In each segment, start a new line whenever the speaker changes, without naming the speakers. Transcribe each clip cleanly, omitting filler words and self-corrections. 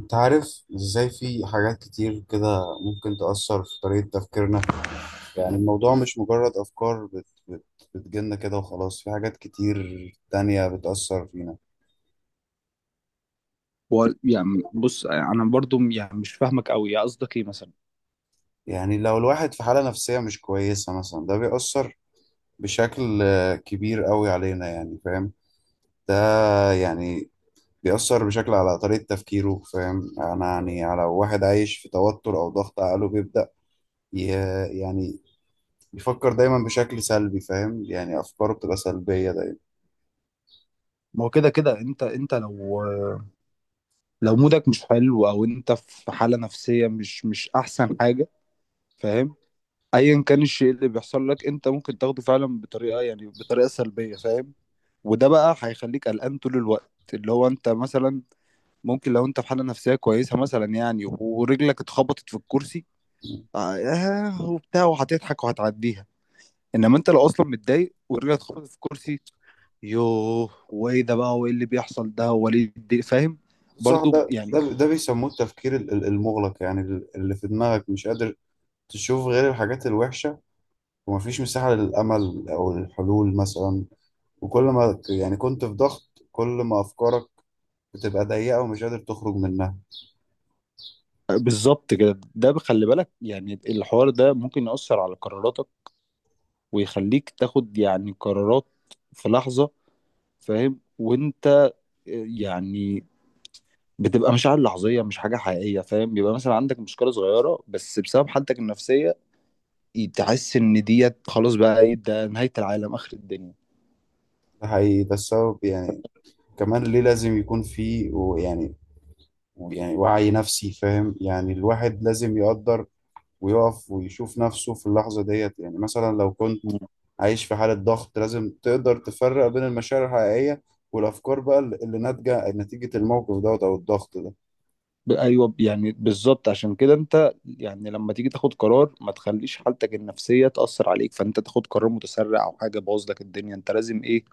انت عارف ازاي في حاجات كتير كده ممكن تأثر في طريقة تفكيرنا. يعني الموضوع مش مجرد أفكار بت بت بتجيلنا كده وخلاص. في حاجات كتير تانية بتأثر فينا.
هو يعني بص، انا برضو يعني مش فاهمك قوي. يا قصدك ايه مثلا؟
يعني لو الواحد في حالة نفسية مش كويسة مثلا ده بيأثر بشكل كبير قوي علينا، يعني فاهم ده. يعني بيأثر بشكل على طريقة تفكيره، فاهم أنا يعني على واحد عايش في توتر أو ضغط، عقله بيبدأ يعني بيفكر دايما بشكل سلبي، فاهم يعني أفكاره بتبقى سلبية دايما.
ما هو كده كده انت لو مودك مش حلو، او انت في حالة نفسية مش احسن حاجة، فاهم؟ ايا كان الشيء اللي بيحصل لك، انت ممكن تاخده فعلا بطريقة سلبية، فاهم؟ وده بقى هيخليك قلقان طول الوقت، اللي هو انت مثلا ممكن لو انت في حالة نفسية كويسة مثلا، يعني ورجلك اتخبطت في الكرسي، وبتاع، وهتضحك وهتعديها. انما انت لو اصلا متضايق ورجعت خبطت في الكرسي، يوه وايه ده بقى، وايه اللي بيحصل ده، وليه فاهم؟
صح،
برضو
ده
يعني
ده ده بيسموه التفكير المغلق، يعني اللي في دماغك مش قادر تشوف غير الحاجات الوحشة، ومفيش مساحة للأمل أو الحلول مثلا. وكل ما كنت في ضغط، كل ما أفكارك بتبقى ضيقة ومش قادر تخرج منها.
بالظبط كده. ده بخلي بالك، يعني الحوار ده ممكن يأثر على قراراتك، ويخليك تاخد يعني قرارات في لحظة، فاهم؟ وانت يعني بتبقى مشاعر لحظية، مش حاجة حقيقية، فاهم؟ بيبقى مثلا عندك مشكلة صغيرة بس، بسبب حالتك النفسية تحس ان ديت خلاص، بقى ايه ده، نهاية العالم آخر الدنيا.
ده حقيقي، ده السبب يعني كمان ليه لازم يكون في ويعني يعني يعني وعي نفسي، فاهم يعني الواحد لازم يقدر ويقف ويشوف نفسه في اللحظة ديت. يعني مثلا لو كنت عايش في حالة ضغط لازم تقدر تفرق بين المشاعر الحقيقية والأفكار بقى اللي ناتجة نتيجة الموقف دوت أو الضغط ده.
ايوه، يعني بالظبط. عشان كده انت يعني لما تيجي تاخد قرار، ما تخليش حالتك النفسيه تاثر عليك، فانت تاخد قرار متسرع او حاجه باظ لك الدنيا. انت لازم ايه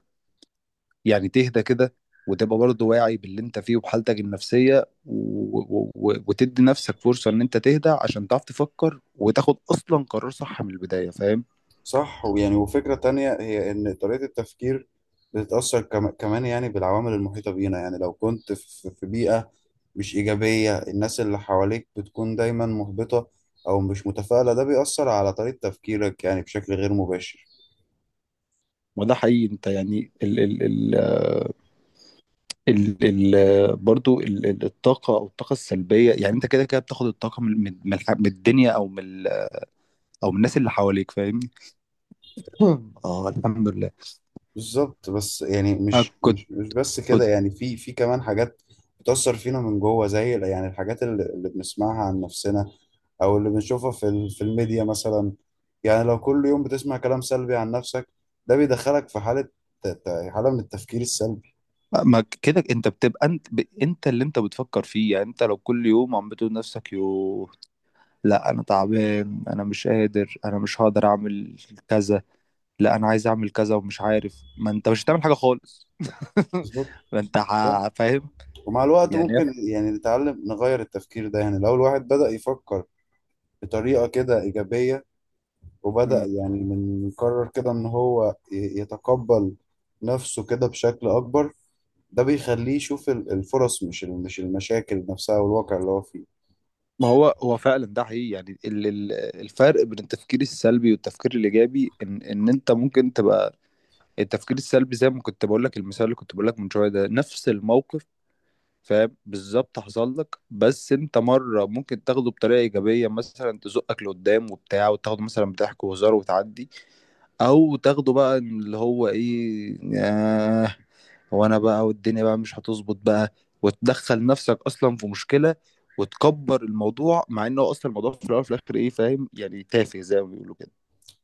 يعني؟ تهدى كده، وتبقى برضه واعي باللي انت فيه وبحالتك النفسيه، وتدي نفسك فرصه ان انت تهدى، عشان تعرف تفكر وتاخد اصلا قرار صح من البدايه، فاهم؟
صح، ويعني وفكرة تانية هي إن طريقة التفكير بتتأثر كمان يعني بالعوامل المحيطة بينا. يعني لو كنت في بيئة مش إيجابية، الناس اللي حواليك بتكون دايما محبطة أو مش متفائلة، ده بيأثر على طريقة تفكيرك يعني بشكل غير مباشر.
وده حقيقي. انت يعني ال ال ال آه، ال ال برضه ال... ال- الطاقه، او الطاقه السلبيه. يعني انت كده كده بتاخد الطاقه من الدنيا، او من او من الناس اللي حواليك، فاهمني؟ اه، الحمد لله.
بالظبط، بس يعني
أنا
مش
كنت
مش مش بس كده،
كنت
يعني في كمان حاجات بتأثر فينا من جوه، زي يعني الحاجات اللي بنسمعها عن نفسنا أو اللي بنشوفها في في الميديا مثلا. يعني لو كل يوم بتسمع كلام سلبي عن نفسك، ده بيدخلك في حالة من التفكير السلبي.
ما كده، انت بتبقى انت، اللي انت بتفكر فيه. يعني انت لو كل يوم عم بتقول لنفسك، يو لا انا تعبان، انا مش قادر، انا مش هقدر اعمل كذا، لا انا عايز اعمل كذا ومش عارف، ما انت مش هتعمل حاجه خالص.
بالظبط،
ما انت فاهم؟
ومع الوقت
يعني
ممكن يعني نتعلم نغير التفكير ده. يعني لو الواحد بدأ يفكر بطريقة كده إيجابية، وبدأ
مم.
يعني من قرر كده إن هو يتقبل نفسه كده بشكل أكبر، ده بيخليه يشوف الفرص، مش مش المشاكل نفسها والواقع اللي هو فيه.
ما هو فعلا ده حقيقي. يعني الفرق بين التفكير السلبي والتفكير الايجابي، ان انت ممكن تبقى التفكير السلبي، زي ما كنت بقول لك المثال اللي كنت بقول لك من شويه، ده نفس الموقف فاهم؟ بالظبط حصل لك، بس انت مره ممكن تاخده بطريقه ايجابيه، مثلا تزقك لقدام وبتاع، وتاخده مثلا بضحك وهزار وتعدي، او تاخده بقى إن اللي هو ايه، آه وانا بقى والدنيا بقى مش هتظبط بقى، وتدخل نفسك اصلا في مشكله وتكبر الموضوع، مع انه اصلا الموضوع في الاول وفي الاخر ايه فاهم؟ يعني تافه، زي ما بيقولوا كده.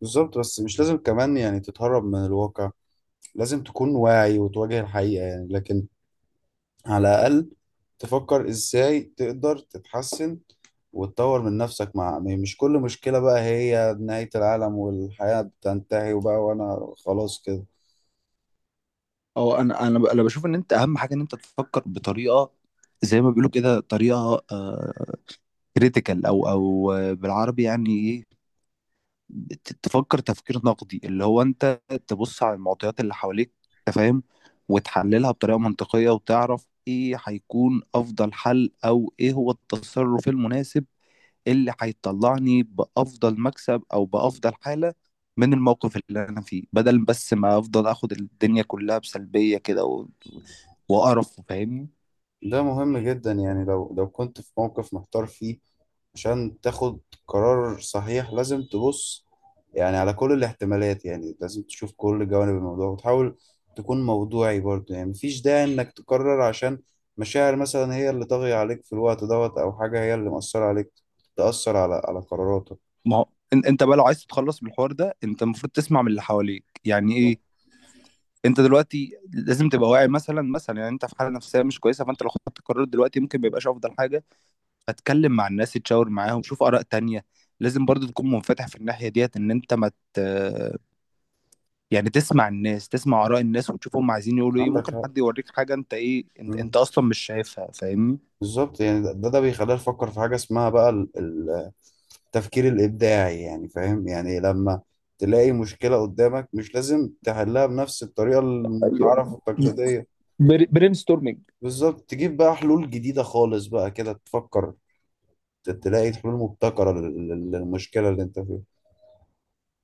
بالظبط، بس مش لازم كمان يعني تتهرب من الواقع، لازم تكون واعي وتواجه الحقيقة يعني. لكن على الأقل تفكر إزاي تقدر تتحسن وتطور من نفسك، مش كل مشكلة بقى هي نهاية العالم والحياة بتنتهي وبقى وأنا خلاص كده.
اه، انا بشوف ان انت اهم حاجه، ان انت تفكر بطريقه زي ما بيقولوا كده، طريقه كريتيكال، او او آه، بالعربي يعني ايه؟ تفكر تفكير نقدي، اللي هو انت تبص على المعطيات اللي حواليك، انت فاهم، وتحللها بطريقه منطقيه، وتعرف ايه هيكون افضل حل، او ايه هو التصرف المناسب اللي هيطلعني بافضل مكسب او بافضل حاله من الموقف اللي انا فيه، بدل بس ما افضل اخد الدنيا كلها بسلبيه كده وقرف. فاهمني؟
ده مهم جدا. يعني لو كنت في موقف محتار فيه، عشان تاخد قرار صحيح لازم تبص يعني على كل الاحتمالات. يعني لازم تشوف كل جوانب الموضوع وتحاول تكون موضوعي برضه. يعني مفيش داعي انك تقرر عشان مشاعر مثلا هي اللي طاغية عليك في الوقت دوت، او حاجة هي اللي مأثرة عليك تأثر على قراراتك.
ما هو انت بقى لو عايز تتخلص من الحوار ده، انت المفروض تسمع من اللي حواليك، يعني ايه؟ انت دلوقتي لازم تبقى واعي. مثلا مثلا يعني انت في حاله نفسيه مش كويسه، فانت لو خدت قرار دلوقتي ممكن ما يبقاش افضل حاجه. فتكلم مع الناس، تشاور معاهم، شوف اراء تانية. لازم برضو تكون منفتح في الناحيه ديت، ان انت ما مت... يعني تسمع الناس، تسمع اراء الناس، وتشوف هم عايزين يقولوا ايه.
عندك
ممكن
حق.
حد يوريك حاجه انت ايه، انت,
مم.
انت اصلا مش شايفها، فاهمني؟
بالظبط، يعني ده بيخلينا نفكر في حاجة اسمها بقى التفكير الإبداعي، يعني فاهم يعني لما تلاقي مشكلة قدامك مش لازم تحلها بنفس الطريقة
ايوه،
المتعارف التقليدية.
برين ستورمنج.
بالظبط، تجيب بقى حلول جديدة خالص بقى كده، تفكر تلاقي الحلول مبتكرة للمشكلة اللي انت فيها.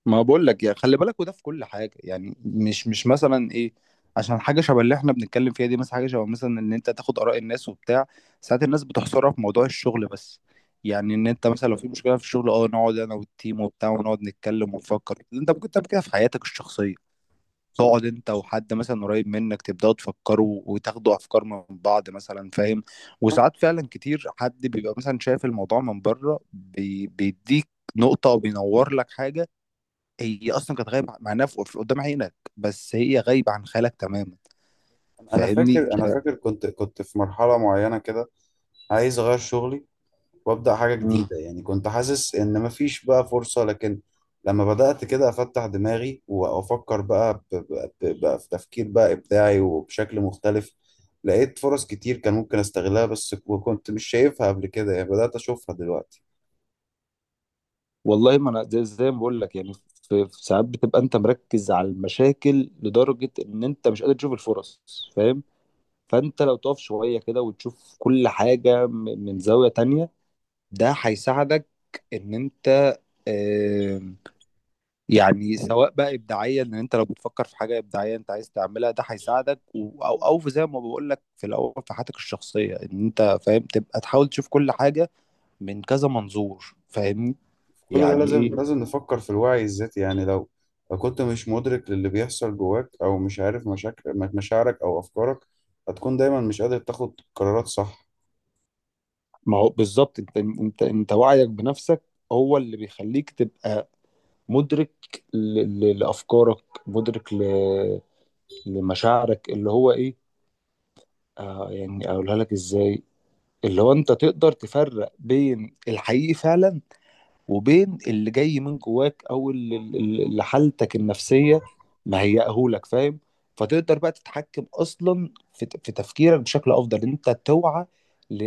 ما بقول لك، يا خلي بالك، وده في كل حاجه. يعني مش مثلا ايه، عشان حاجه شبه اللي احنا بنتكلم فيها دي، مثلا حاجه شبه مثلا ان انت تاخد اراء الناس وبتاع، ساعات الناس بتحصرها في موضوع الشغل بس. يعني ان انت مثلا لو في مشكله في الشغل، اه نقعد انا والتيم وبتاع، ونقعد نتكلم ونفكر. انت ممكن تعمل كده في حياتك الشخصيه،
صح.
تقعد انت وحد مثلا قريب منك، تبداوا تفكروا وتاخدوا افكار من بعض مثلا، فاهم؟
صح.
وساعات فعلا كتير حد بيبقى مثلا شايف الموضوع من بره، بيديك نقطه وبينور لك حاجه هي اصلا كانت غايبه. معناها قدام عينك، بس هي غايبه عن خيالك تماما،
انا
فاهمني؟
فاكر، انا فاكر كنت في مرحلة معينة كده عايز اغير شغلي وابدأ حاجة
مم.
جديدة. يعني كنت حاسس ان مفيش بقى فرصة، لكن لما بدأت كده افتح دماغي وافكر بقى بقى في تفكير بقى ابداعي وبشكل مختلف، لقيت فرص كتير كان ممكن استغلها بس وكنت مش شايفها قبل كده. يعني بدأت اشوفها دلوقتي.
والله، ما انا زي ما بقول لك، يعني في ساعات بتبقى انت مركز على المشاكل لدرجه ان انت مش قادر تشوف الفرص، فاهم؟ فانت لو تقف شويه كده وتشوف كل حاجه من زاويه تانية، ده هيساعدك ان انت يعني، سواء بقى ابداعيا ان انت لو بتفكر في حاجه ابداعيه انت عايز تعملها، ده هيساعدك، او في، زي ما بقول لك في الاول، في حياتك الشخصيه ان انت فاهم تبقى تحاول تشوف كل حاجه من كذا منظور، فاهمني؟
كل ده
يعني ايه؟
لازم نفكر في الوعي الذاتي. يعني لو كنت مش مدرك للي بيحصل جواك أو مش عارف مشاكل مشاعرك أو أفكارك، هتكون دايما مش قادر تاخد قرارات صح.
ما هو بالظبط، انت وعيك بنفسك هو اللي بيخليك تبقى مدرك ل... لافكارك، مدرك لمشاعرك، اللي هو ايه، آه يعني اقولها لك ازاي، اللي هو انت تقدر تفرق بين الحقيقي فعلا، وبين اللي جاي من جواك، او اللي حالتك النفسيه مهيئهولك، فاهم؟ فتقدر بقى تتحكم اصلا في تفكيرك بشكل افضل، إن انت توعى،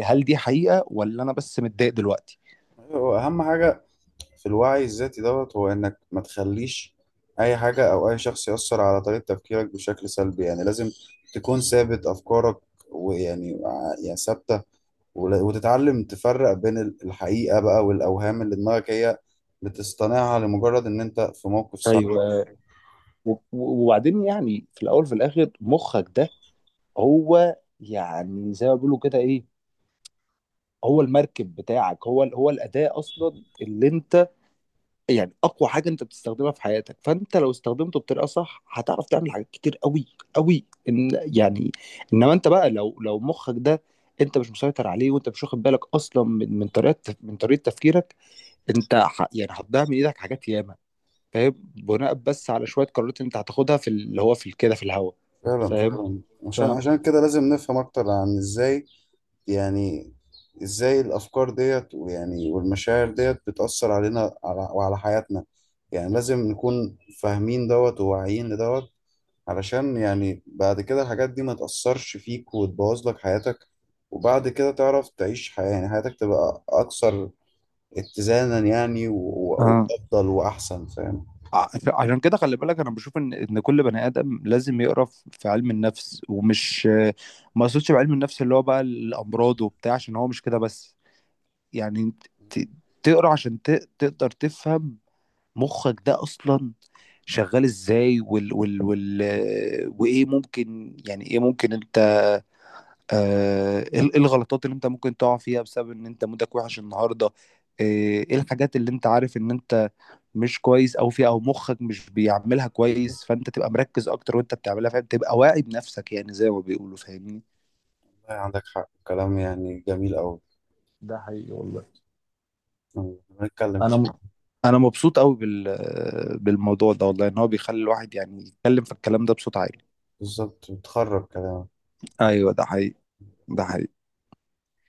هل دي حقيقه ولا انا بس متضايق دلوقتي؟
هو أهم حاجة في الوعي الذاتي دوت هو إنك ما تخليش أي حاجة أو أي شخص يأثر على طريقة تفكيرك بشكل سلبي. يعني لازم تكون ثابت أفكارك يعني ثابتة، وتتعلم تفرق بين الحقيقة بقى والأوهام اللي دماغك هي بتصطنعها لمجرد إن أنت في موقف صعب.
ايوه. وبعدين يعني في الاول وفي الاخر، مخك ده هو يعني زي ما بيقولوا كده ايه، هو المركب بتاعك، هو هو الاداه اصلا اللي انت يعني اقوى حاجه انت بتستخدمها في حياتك. فانت لو استخدمته بطريقه صح، هتعرف تعمل حاجات كتير قوي قوي، إن يعني، انما انت بقى لو مخك ده انت مش مسيطر عليه، وانت مش واخد بالك اصلا من من طريقه تفكيرك، انت يعني هتضيع من ايدك حاجات ياما، فاهم؟ بناء بس على شويه قرارات انت هتاخدها في اللي هو في كده في الهوا،
فعلا،
فاهم؟
فعلا. عشان
فاهم.
عشان كده لازم نفهم اكتر عن ازاي، يعني ازاي الافكار ديت ويعني والمشاعر ديت بتأثر علينا على وعلى حياتنا. يعني لازم نكون فاهمين دوت وواعيين لدوت، علشان يعني بعد كده الحاجات دي ما تأثرش فيك وتبوظ لك حياتك، وبعد كده تعرف تعيش حياة، يعني حياتك تبقى اكثر اتزانا يعني
اه،
وافضل واحسن، فاهم.
عشان كده خلي بالك، انا بشوف ان كل بني ادم لازم يقرا في علم النفس. ومش ما يقصدش بعلم النفس اللي هو بقى الامراض وبتاع، عشان هو مش كده بس، يعني ت- تقرا عشان تقدر تفهم مخك ده اصلا شغال ازاي، وال وال وال وايه ممكن يعني ايه ممكن انت، ايه الغلطات اللي انت ممكن تقع فيها بسبب ان انت مودك وحش النهارده، آه، ايه الحاجات اللي انت عارف ان انت مش كويس او فيها او مخك مش بيعملها
والله
كويس، فانت تبقى مركز اكتر وانت بتعملها، فاهم؟ تبقى واعي بنفسك يعني، زي ما بيقولوا، فاهمني؟
عندك حق، كلام يعني جميل قوي.
ده حقيقي، والله.
نتكلم.
انا م- انا مبسوط قوي بالموضوع ده، والله، ان هو بيخلي الواحد يعني يتكلم في الكلام ده بصوت عالي.
بالظبط، بتخرج كده.
ايوه، ده حقيقي. ده حقيقي.